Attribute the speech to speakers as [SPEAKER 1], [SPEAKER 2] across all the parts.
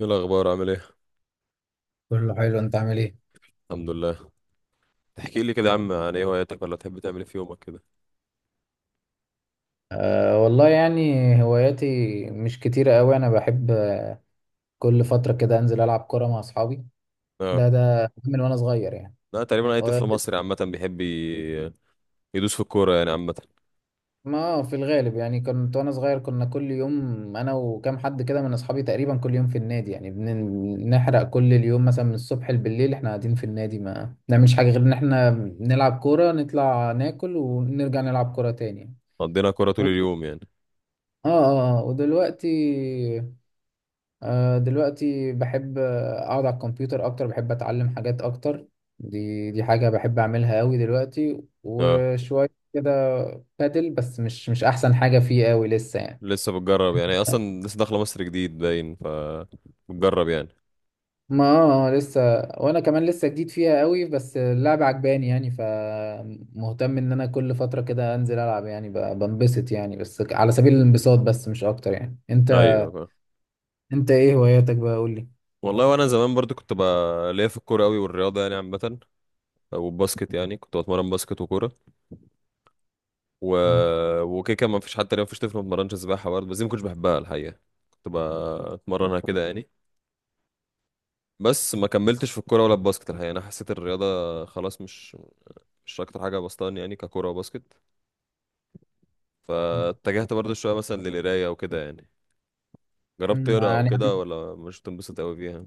[SPEAKER 1] ايه الاخبار؟ عامل ايه؟
[SPEAKER 2] كله حلو، انت عامل ايه؟
[SPEAKER 1] الحمد لله. تحكي لي كده يا عم، عن ايه هواياتك، ولا تحب تعمل ايه في يومك كده؟
[SPEAKER 2] أه والله يعني، هواياتي مش كتيرة قوي. أنا بحب كل فترة كده أنزل ألعب كرة مع أصحابي.
[SPEAKER 1] اه.
[SPEAKER 2] ده من وأنا صغير يعني.
[SPEAKER 1] لا، تقريبا اي
[SPEAKER 2] و-
[SPEAKER 1] طفل مصري عامه بيحب يدوس في الكوره يعني عامه.
[SPEAKER 2] ما في الغالب يعني كنت وأنا صغير، كنا كل يوم أنا وكام حد كده من أصحابي تقريبا كل يوم في النادي، يعني بنحرق كل اليوم مثلا من الصبح لبالليل. إحنا قاعدين في النادي ما نعملش حاجة غير إن إحنا نلعب كورة، نطلع ناكل، ونرجع نلعب كورة تاني يعني.
[SPEAKER 1] قضينا كوره طول
[SPEAKER 2] و...
[SPEAKER 1] اليوم يعني.
[SPEAKER 2] ودلوقتي دلوقتي بحب اقعد على الكمبيوتر اكتر، بحب اتعلم حاجات اكتر. دي حاجة بحب اعملها قوي دلوقتي
[SPEAKER 1] اه.
[SPEAKER 2] وشوية كده. بادل بس مش احسن حاجة فيه قوي لسه يعني.
[SPEAKER 1] لسه بتجرب يعني، هي اصلا لسه داخله مصر جديد باين، بتجرب يعني.
[SPEAKER 2] ما لسه، وانا كمان لسه جديد فيها قوي، بس اللعبة عجباني يعني، فمهتم ان انا كل فترة كده انزل العب يعني، بنبسط يعني، بس على سبيل الانبساط بس مش اكتر يعني. انت
[SPEAKER 1] ايوه.
[SPEAKER 2] انت ايه هواياتك بقى، قول لي.
[SPEAKER 1] والله وانا زمان برضو كنت بقى ليا في الكوره قوي، والرياضه يعني عامه، والباسكت يعني كنت بتمرن باسكت وكوره و...
[SPEAKER 2] مم.
[SPEAKER 1] وكده. كان ما فيش حتى ما فيش طفل ما اتمرنش سباحه برضه، بس دي ما كنتش بحبها الحقيقه، كنت بتمرنها كده يعني. بس ما كملتش في الكوره ولا الباسكت الحقيقه، يعني انا حسيت الرياضه خلاص مش اكتر حاجه بسطاني يعني، ككوره وباسكت. فاتجهت برضو شويه مثلا للقرايه وكده يعني. جربت تقرا او
[SPEAKER 2] يعني
[SPEAKER 1] كده، ولا مش تنبسط قوي فيها؟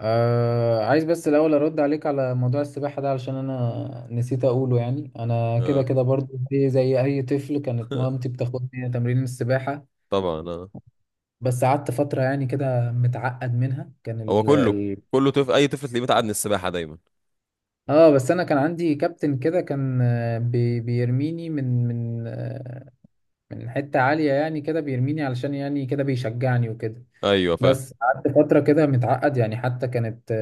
[SPEAKER 2] عايز بس الأول أرد عليك على موضوع السباحة ده، علشان أنا نسيت أقوله. يعني أنا كده
[SPEAKER 1] اه.
[SPEAKER 2] كده برضو زي أي طفل، كانت مامتي بتاخدني تمرين السباحة.
[SPEAKER 1] طبعا اه.
[SPEAKER 2] بس قعدت فترة يعني كده متعقد منها، كان
[SPEAKER 1] هو
[SPEAKER 2] ال
[SPEAKER 1] كله،
[SPEAKER 2] ال
[SPEAKER 1] كله طفل، اي طفل تلاقيه متعقد من السباحه دايما.
[SPEAKER 2] بس أنا كان عندي كابتن كده، كان بيرميني من من حتة عالية يعني كده، بيرميني علشان يعني كده بيشجعني وكده.
[SPEAKER 1] ايوه فاهم.
[SPEAKER 2] بس قعدت فترة كده متعقد يعني، حتى كانت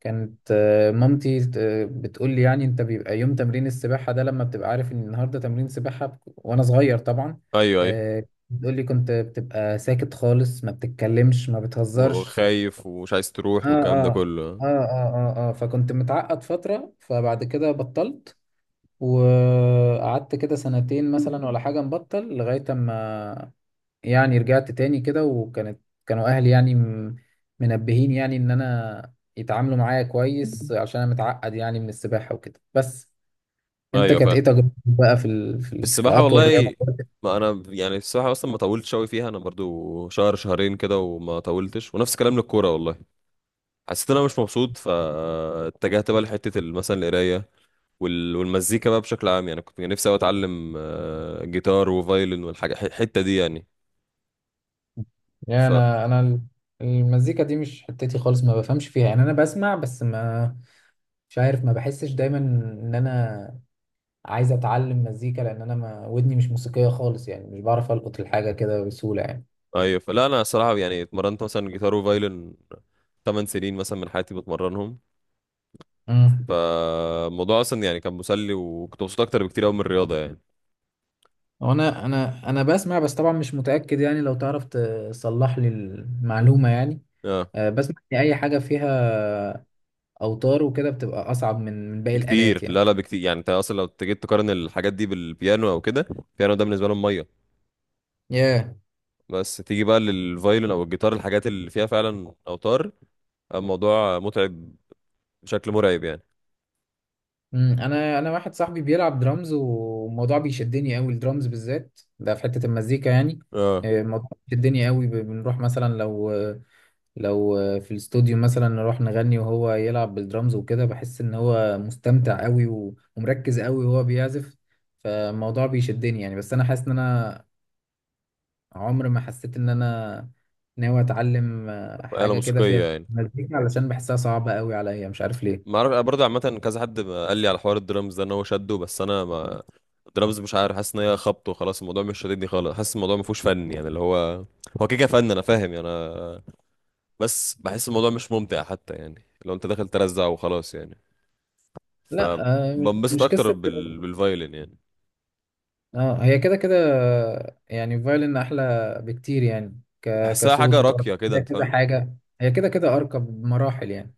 [SPEAKER 2] كانت مامتي بتقول لي يعني انت بيبقى يوم تمرين السباحة ده، لما بتبقى عارف ان النهاردة تمرين سباحة وانا صغير طبعا.
[SPEAKER 1] ايوه ايوه،
[SPEAKER 2] آه، بتقول لي كنت بتبقى ساكت خالص، ما بتتكلمش ما بتهزرش.
[SPEAKER 1] وخايف ومش عايز
[SPEAKER 2] اه،
[SPEAKER 1] تروح والكلام ده
[SPEAKER 2] اه،
[SPEAKER 1] كله.
[SPEAKER 2] اه، اه، اه، آه. فكنت متعقد فترة، فبعد كده بطلت، وقعدت كده سنتين مثلا ولا حاجة مبطل لغاية اما يعني رجعت تاني كده. وكانت كانوا اهلي يعني منبهين يعني ان انا يتعاملوا معايا كويس، عشان انا متعقد يعني من السباحة وكده. بس انت
[SPEAKER 1] ايوه
[SPEAKER 2] كانت
[SPEAKER 1] فاهم.
[SPEAKER 2] ايه تجربتك بقى في
[SPEAKER 1] في
[SPEAKER 2] في
[SPEAKER 1] السباحه
[SPEAKER 2] اطول
[SPEAKER 1] والله،
[SPEAKER 2] رياضة؟
[SPEAKER 1] ما انا يعني السباحه اصلا ما طولتش قوي فيها، انا برضو شهر شهرين كده وما طولتش، ونفس الكلام للكوره والله. حسيت ان انا مش مبسوط، فاتجهت بقى لحته مثلا القرايه والمزيكا بقى بشكل عام يعني. كنت نفسي أوي اتعلم جيتار وفايلن والحاجه الحته دي يعني
[SPEAKER 2] يعني
[SPEAKER 1] ف
[SPEAKER 2] انا المزيكا دي مش حتتي خالص، ما بفهمش فيها يعني. انا بسمع بس ما مش عارف، ما بحسش دايما ان انا عايز اتعلم مزيكا، لان انا ما ودني مش موسيقية خالص يعني، مش بعرف القط الحاجة كده بسهولة.
[SPEAKER 1] ايوه. فلا انا الصراحه يعني اتمرنت مثلا جيتار وفايلن 8 سنين مثلا من حياتي بتمرنهم،
[SPEAKER 2] يعني
[SPEAKER 1] فالموضوع اصلا يعني كان مسلي، وكنت مبسوط اكتر بكتير قوي من الرياضه يعني.
[SPEAKER 2] هو انا بسمع بس طبعا مش متاكد يعني، لو تعرف تصلح لي المعلومه يعني.
[SPEAKER 1] اه
[SPEAKER 2] بسمع ان اي حاجه فيها اوتار وكده بتبقى اصعب من باقي
[SPEAKER 1] بكتير.
[SPEAKER 2] الالات
[SPEAKER 1] لا
[SPEAKER 2] يعني.
[SPEAKER 1] لا بكتير يعني، انت اصلا لو جيت تقارن الحاجات دي بالبيانو او كده، البيانو ده بالنسبه لهم ميه.
[SPEAKER 2] ياه yeah.
[SPEAKER 1] بس تيجي بقى للفايلن او الجيتار، الحاجات اللي فيها فعلا اوتار، الموضوع متعب بشكل مرعب يعني.
[SPEAKER 2] انا واحد صاحبي بيلعب درامز، والموضوع بيشدني قوي الدرامز بالذات ده في حته المزيكا يعني.
[SPEAKER 1] اه،
[SPEAKER 2] الموضوع بيشدني قوي، بنروح مثلا لو في الاستوديو مثلا، نروح نغني وهو يلعب بالدرامز وكده، بحس ان هو مستمتع قوي ومركز قوي وهو بيعزف، فالموضوع بيشدني يعني. بس انا حاسس ان انا عمر ما حسيت ان انا ناوي اتعلم
[SPEAKER 1] آلة
[SPEAKER 2] حاجة كده
[SPEAKER 1] موسيقية
[SPEAKER 2] فيها
[SPEAKER 1] يعني.
[SPEAKER 2] مزيكا، علشان بحسها صعبة قوي عليا مش عارف
[SPEAKER 1] ما
[SPEAKER 2] ليه.
[SPEAKER 1] اعرف، انا برضه عامة كذا حد ما قال لي على حوار الدرامز ده ان هو شده، بس انا ما، الدرامز مش عارف، حاسس ان هي خبط وخلاص، الموضوع مش شاددني خالص، حاسس الموضوع ما فيهوش فن يعني. اللي هو هو كده كده فن انا فاهم يعني انا، بس بحس الموضوع مش ممتع حتى، يعني لو انت داخل ترزع وخلاص يعني.
[SPEAKER 2] لا، مش
[SPEAKER 1] فبنبسط
[SPEAKER 2] مش
[SPEAKER 1] اكتر
[SPEAKER 2] قصة.
[SPEAKER 1] بالفايلن يعني.
[SPEAKER 2] اه، هي كده كده يعني فايلن احلى بكتير يعني،
[SPEAKER 1] بحسها حاجة
[SPEAKER 2] كصوت، وتعرف
[SPEAKER 1] راقية كده،
[SPEAKER 2] فيها
[SPEAKER 1] انت
[SPEAKER 2] كذا
[SPEAKER 1] فاهم.
[SPEAKER 2] حاجة. هي كده كده ارقى بمراحل يعني.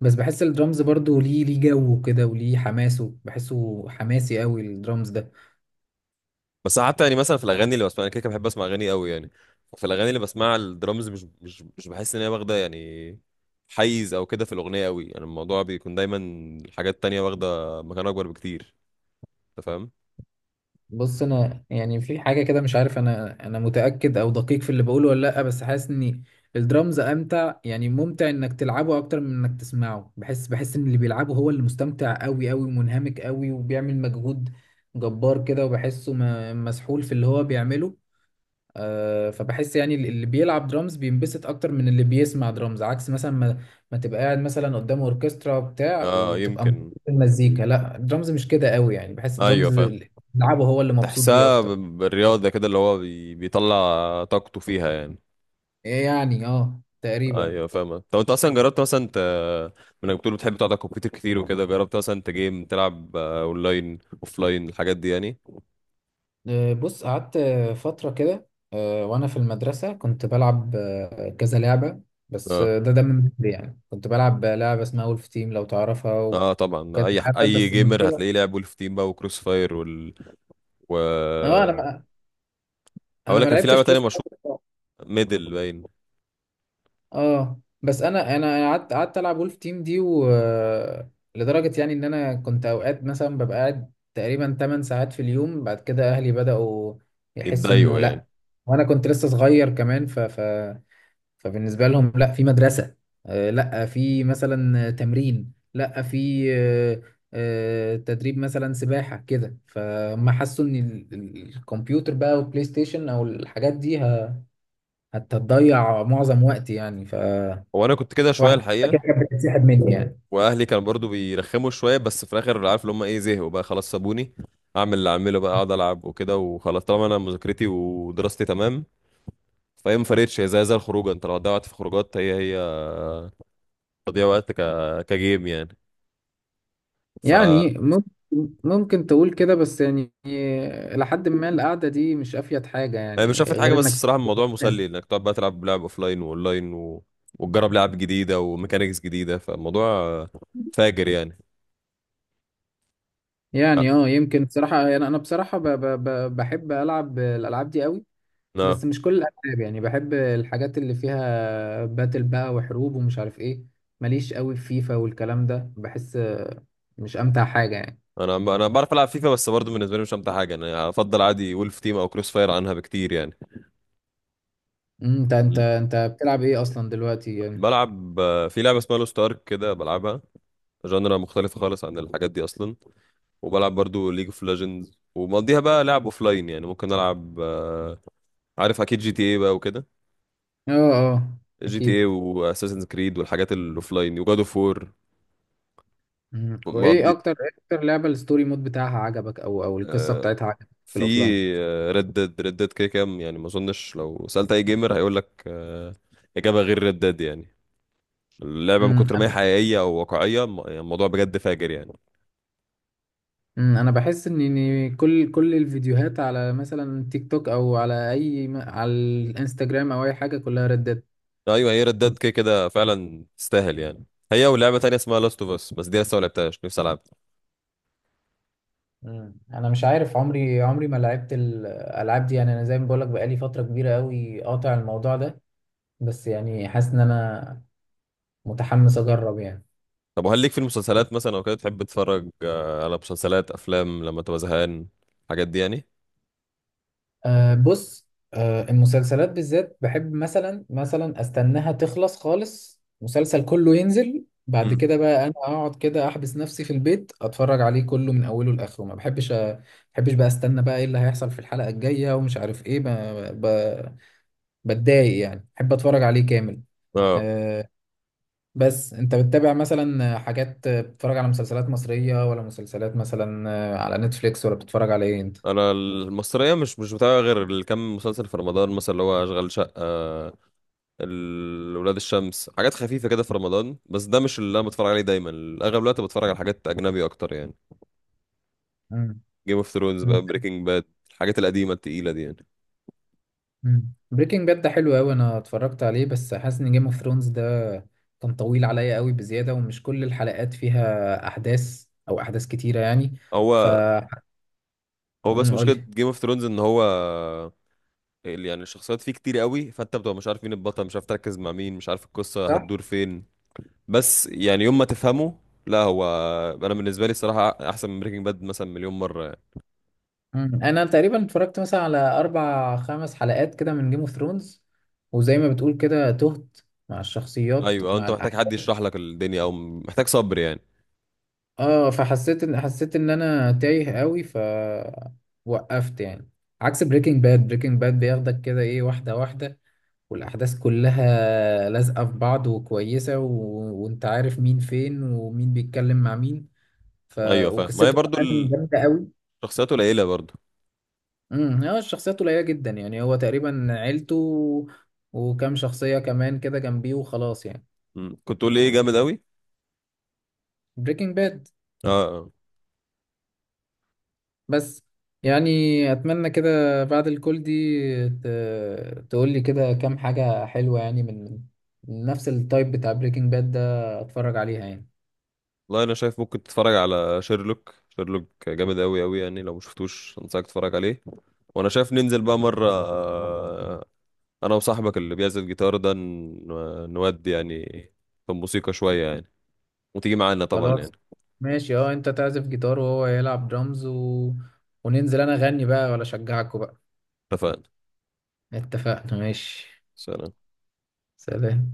[SPEAKER 2] بس بحس الدرامز برضو ليه جو كده وليه حماسه، بحسه حماسي قوي الدرامز ده.
[SPEAKER 1] بس حتى يعني مثلا في الاغاني اللي بسمعها، انا كده كده بحب اسمع اغاني قوي يعني، في الاغاني اللي بسمعها الدرامز مش بحس ان هي واخده يعني حيز او كده في الاغنيه قوي يعني، الموضوع بيكون دايما حاجات تانية واخده مكان اكبر بكتير. انت فاهم.
[SPEAKER 2] بص انا يعني في حاجه كده مش عارف، انا متاكد او دقيق في اللي بقوله ولا لا، بس حاسس ان الدرامز امتع يعني، ممتع انك تلعبه اكتر من انك تسمعه. بحس ان اللي بيلعبه هو اللي مستمتع قوي قوي ومنهمك قوي وبيعمل مجهود جبار كده، وبحسه مسحول في اللي هو بيعمله. فبحس يعني اللي بيلعب درامز بينبسط اكتر من اللي بيسمع درامز، عكس مثلا ما تبقى قاعد مثلا قدام اوركسترا بتاع
[SPEAKER 1] اه
[SPEAKER 2] وتبقى مبسوط
[SPEAKER 1] يمكن.
[SPEAKER 2] بالمزيكا، لا درامز مش كده قوي يعني، بحس
[SPEAKER 1] ايوه
[SPEAKER 2] درامز
[SPEAKER 1] فاهم.
[SPEAKER 2] اللي لعبه هو اللي مبسوط بيه
[SPEAKER 1] تحسها
[SPEAKER 2] اكتر.
[SPEAKER 1] بالرياضه كده، اللي هو بيطلع طاقته فيها يعني.
[SPEAKER 2] يعني اه تقريبا.
[SPEAKER 1] ايوه فاهم. طب انت اصلا جربت مثلا، انت من بتقول بتحب تقعد على الكمبيوتر كتير وكده، جربت مثلا انت جيم تلعب اونلاين، اوفلاين، الحاجات دي يعني؟
[SPEAKER 2] بص قعدت فترة كده وانا في المدرسة كنت بلعب كذا لعبة. بس
[SPEAKER 1] اه
[SPEAKER 2] ده من بدري يعني، كنت بلعب لعبة اسمها وولف تيم لو تعرفها
[SPEAKER 1] اه طبعا،
[SPEAKER 2] وكذا
[SPEAKER 1] اي
[SPEAKER 2] لعبة،
[SPEAKER 1] اي
[SPEAKER 2] بس
[SPEAKER 1] جيمر
[SPEAKER 2] المشكلة.
[SPEAKER 1] هتلاقيه لعب ولف تيم بقى وكروس فاير و
[SPEAKER 2] اه، انا ما
[SPEAKER 1] هقول
[SPEAKER 2] انا ما
[SPEAKER 1] لك كان في لعبه
[SPEAKER 2] لعبتش
[SPEAKER 1] تانية
[SPEAKER 2] كروس.
[SPEAKER 1] مشهوره، ميدل باين.
[SPEAKER 2] اه، بس انا انا أنا قعدت العب ولف تيم دي، لدرجه يعني ان انا كنت اوقات مثلا ببقى قاعد تقريبا 8 ساعات في اليوم. بعد كده اهلي بداوا يحسوا
[SPEAKER 1] يتضايقوا
[SPEAKER 2] انه
[SPEAKER 1] يعني.
[SPEAKER 2] لا. وانا كنت لسه صغير كمان، فبالنسبه لهم لا في مدرسه، لا في مثلا تمرين، لا في تدريب مثلا سباحه كده. فهم حسوا ان الكمبيوتر بقى والبلاي ستيشن او الحاجات دي هتضيع معظم وقتي يعني،
[SPEAKER 1] هو انا كنت كده شويه
[SPEAKER 2] واحدة كده
[SPEAKER 1] الحقيقه،
[SPEAKER 2] كانت بتتسحب مني يعني.
[SPEAKER 1] واهلي كانوا برضو بيرخموا شويه، بس في الاخر عارف اللي هم ايه، زهقوا بقى خلاص سابوني اعمل اللي اعمله بقى، اقعد العب وكده وخلاص، طالما انا مذاكرتي ودراستي تمام، فهي ما فرقتش، هي زي الخروجه، انت لو ضيعت في خروجات، هي تضييع وقت كجيم يعني. ف
[SPEAKER 2] يعني ممكن تقول كده، بس يعني لحد ما القعدة دي مش أفيد حاجة
[SPEAKER 1] هي مش
[SPEAKER 2] يعني
[SPEAKER 1] شافت حاجه،
[SPEAKER 2] غير
[SPEAKER 1] بس
[SPEAKER 2] إنك
[SPEAKER 1] بصراحه الموضوع
[SPEAKER 2] تتعب.
[SPEAKER 1] مسلي، انك تقعد بقى تلعب لعب اوفلاين واونلاين وتجرب لعب جديده وميكانيكس جديده، فالموضوع فاجر يعني.
[SPEAKER 2] يعني اه يمكن بصراحة. يعني أنا بصراحة ب ب ب بحب ألعب الألعاب دي قوي، بس
[SPEAKER 1] آه،
[SPEAKER 2] مش كل الألعاب يعني. بحب الحاجات اللي فيها باتل بقى وحروب ومش عارف إيه. ماليش قوي في فيفا والكلام ده، بحس مش أمتع حاجة يعني.
[SPEAKER 1] انا بعرف العب فيفا، بس برضه بالنسبه لي مش امتع حاجه، انا افضل عادي وولف تيم او كروس فاير عنها بكتير يعني.
[SPEAKER 2] أنت أنت
[SPEAKER 1] ال-
[SPEAKER 2] أنت بتلعب إيه أصلا دلوقتي يعني؟
[SPEAKER 1] بلعب في لعبه اسمها لوست ارك كده بلعبها، جانرا مختلفه خالص عن الحاجات دي اصلا. وبلعب برضه ليج اوف ليجندز، ومقضيها بقى لعب اوفلاين يعني، ممكن العب عارف اكيد جي تي اي بقى وكده،
[SPEAKER 2] اه، اه.
[SPEAKER 1] جي تي اي
[SPEAKER 2] أكيد.
[SPEAKER 1] واساسن كريد والحاجات الاوفلاين وجاد اوف وور.
[SPEAKER 2] مم.
[SPEAKER 1] ما
[SPEAKER 2] وايه
[SPEAKER 1] دي،
[SPEAKER 2] اكتر إيه اكتر لعبه الستوري مود بتاعها عجبك، او القصه
[SPEAKER 1] آه،
[SPEAKER 2] بتاعتها عجبك في
[SPEAKER 1] في
[SPEAKER 2] الاوفلاين؟
[SPEAKER 1] ريد ديد، ريد ديد كده كام يعني، ما اظنش لو سألت اي جيمر هيقول لك اجابة غير ريد ديد يعني. اللعبة من كتر ما
[SPEAKER 2] انا.
[SPEAKER 1] هي حقيقية او واقعية يعني الموضوع بجد فاجر يعني.
[SPEAKER 2] مم. أنا بحس إن كل الفيديوهات على مثلا تيك توك او على اي على الانستجرام او اي حاجه، كلها ردت.
[SPEAKER 1] ايوه، هي ريد ديد كده كده فعلا تستاهل يعني، هي ولعبة تانية اسمها لاست اوف اس، بس دي لسه ما لعبتهاش، نفسي العبها.
[SPEAKER 2] مم. انا مش عارف، عمري ما لعبت الالعاب دي يعني. انا زي ما بقولك بقالي فتره كبيره قوي قاطع الموضوع ده، بس يعني حاسس ان انا متحمس اجرب يعني.
[SPEAKER 1] طب وهل ليك في المسلسلات مثلا او كده؟ تحب تتفرج على مسلسلات، افلام، لما تبقى زهقان الحاجات دي يعني؟
[SPEAKER 2] أه بص، أه المسلسلات بالذات بحب مثلا استناها تخلص خالص، مسلسل كله ينزل بعد
[SPEAKER 1] مم.
[SPEAKER 2] كده بقى انا اقعد كده احبس نفسي في البيت اتفرج عليه كله من اوله لاخره. ما بحبش بقى استنى بقى ايه اللي هيحصل في الحلقة الجاية ومش عارف ايه، ب... بتضايق يعني، بحب اتفرج عليه كامل.
[SPEAKER 1] اه.
[SPEAKER 2] أه، بس انت بتتابع مثلا حاجات، بتتفرج على مسلسلات مصرية، ولا مسلسلات مثلا على نتفليكس، ولا بتتفرج على ايه انت؟
[SPEAKER 1] انا المصريه مش بتابع غير الكم مسلسل في رمضان، مثلا اللي هو اشغال شقه، ولاد الشمس، حاجات خفيفة كده في رمضان، بس ده مش اللي انا بتفرج عليه دايما. اغلب الوقت بتفرج على حاجات اجنبي اكتر يعني، جيم اوف ثرونز بقى،
[SPEAKER 2] مم.
[SPEAKER 1] بريكنج باد، الحاجات القديمة التقيلة دي يعني.
[SPEAKER 2] بريكنج باد ده حلو قوي، انا اتفرجت عليه. بس حاسس ان جيم اوف ثرونز ده كان طويل عليا قوي بزياده، ومش كل الحلقات فيها احداث او احداث كتيره يعني، ف
[SPEAKER 1] هو هو بس مشكلة
[SPEAKER 2] قولي.
[SPEAKER 1] جيم اوف ثرونز ان هو، يعني الشخصيات فيه كتير قوي، فانت بتبقى مش عارف مين البطل، مش عارف تركز مع مين، مش عارف القصة
[SPEAKER 2] صح؟
[SPEAKER 1] هتدور فين. بس يعني يوم ما تفهمه، لا هو انا بالنسبه لي الصراحه احسن من بريكنج باد مثلا مليون مره يعني.
[SPEAKER 2] مم. انا تقريبا اتفرجت مثلا على اربع خمس حلقات كده من جيم اوف ثرونز، وزي ما بتقول كده تهت مع الشخصيات
[SPEAKER 1] ايوه، أو
[SPEAKER 2] مع
[SPEAKER 1] انت محتاج حد
[SPEAKER 2] الاحداث.
[SPEAKER 1] يشرح لك الدنيا، او محتاج صبر يعني.
[SPEAKER 2] اه، فحسيت ان انا تايه قوي، وقفت يعني. عكس بريكنج باد، بريكنج باد بياخدك كده ايه واحده واحده، والأحداث كلها لازقة في بعض وكويسة، وأنت عارف مين فين ومين بيتكلم مع مين. ف...
[SPEAKER 1] ايوه فاهم، ما هي
[SPEAKER 2] وقصته
[SPEAKER 1] برضو
[SPEAKER 2] كمان جامدة قوي.
[SPEAKER 1] شخصيات قليله برضو.
[SPEAKER 2] هو الشخصيات قليلة جدا يعني، هو تقريبا عيلته وكام شخصية كمان كده جنبيه وخلاص يعني.
[SPEAKER 1] مم. كنت تقول لي ايه جامد قوي؟
[SPEAKER 2] بريكنج باد.
[SPEAKER 1] اه اه.
[SPEAKER 2] بس يعني أتمنى كده بعد الكل دي ت... تقول لي كده كام حاجة حلوة يعني من نفس التايب بتاع بريكنج باد ده أتفرج عليها يعني.
[SPEAKER 1] والله انا شايف ممكن تتفرج على شيرلوك، شيرلوك جامد قوي قوي يعني، لو مشفتوش انصحك تتفرج عليه. وانا شايف ننزل بقى مره، انا وصاحبك اللي بيعزف جيتار ده نودي يعني في الموسيقى شويه يعني، وتيجي معانا طبعا يعني.
[SPEAKER 2] خلاص ماشي، اه انت تعزف جيتار وهو يلعب درامز وننزل انا اغني بقى ولا اشجعكوا بقى.
[SPEAKER 1] اتفقنا.
[SPEAKER 2] اتفقنا ماشي.
[SPEAKER 1] سلام.
[SPEAKER 2] سلام.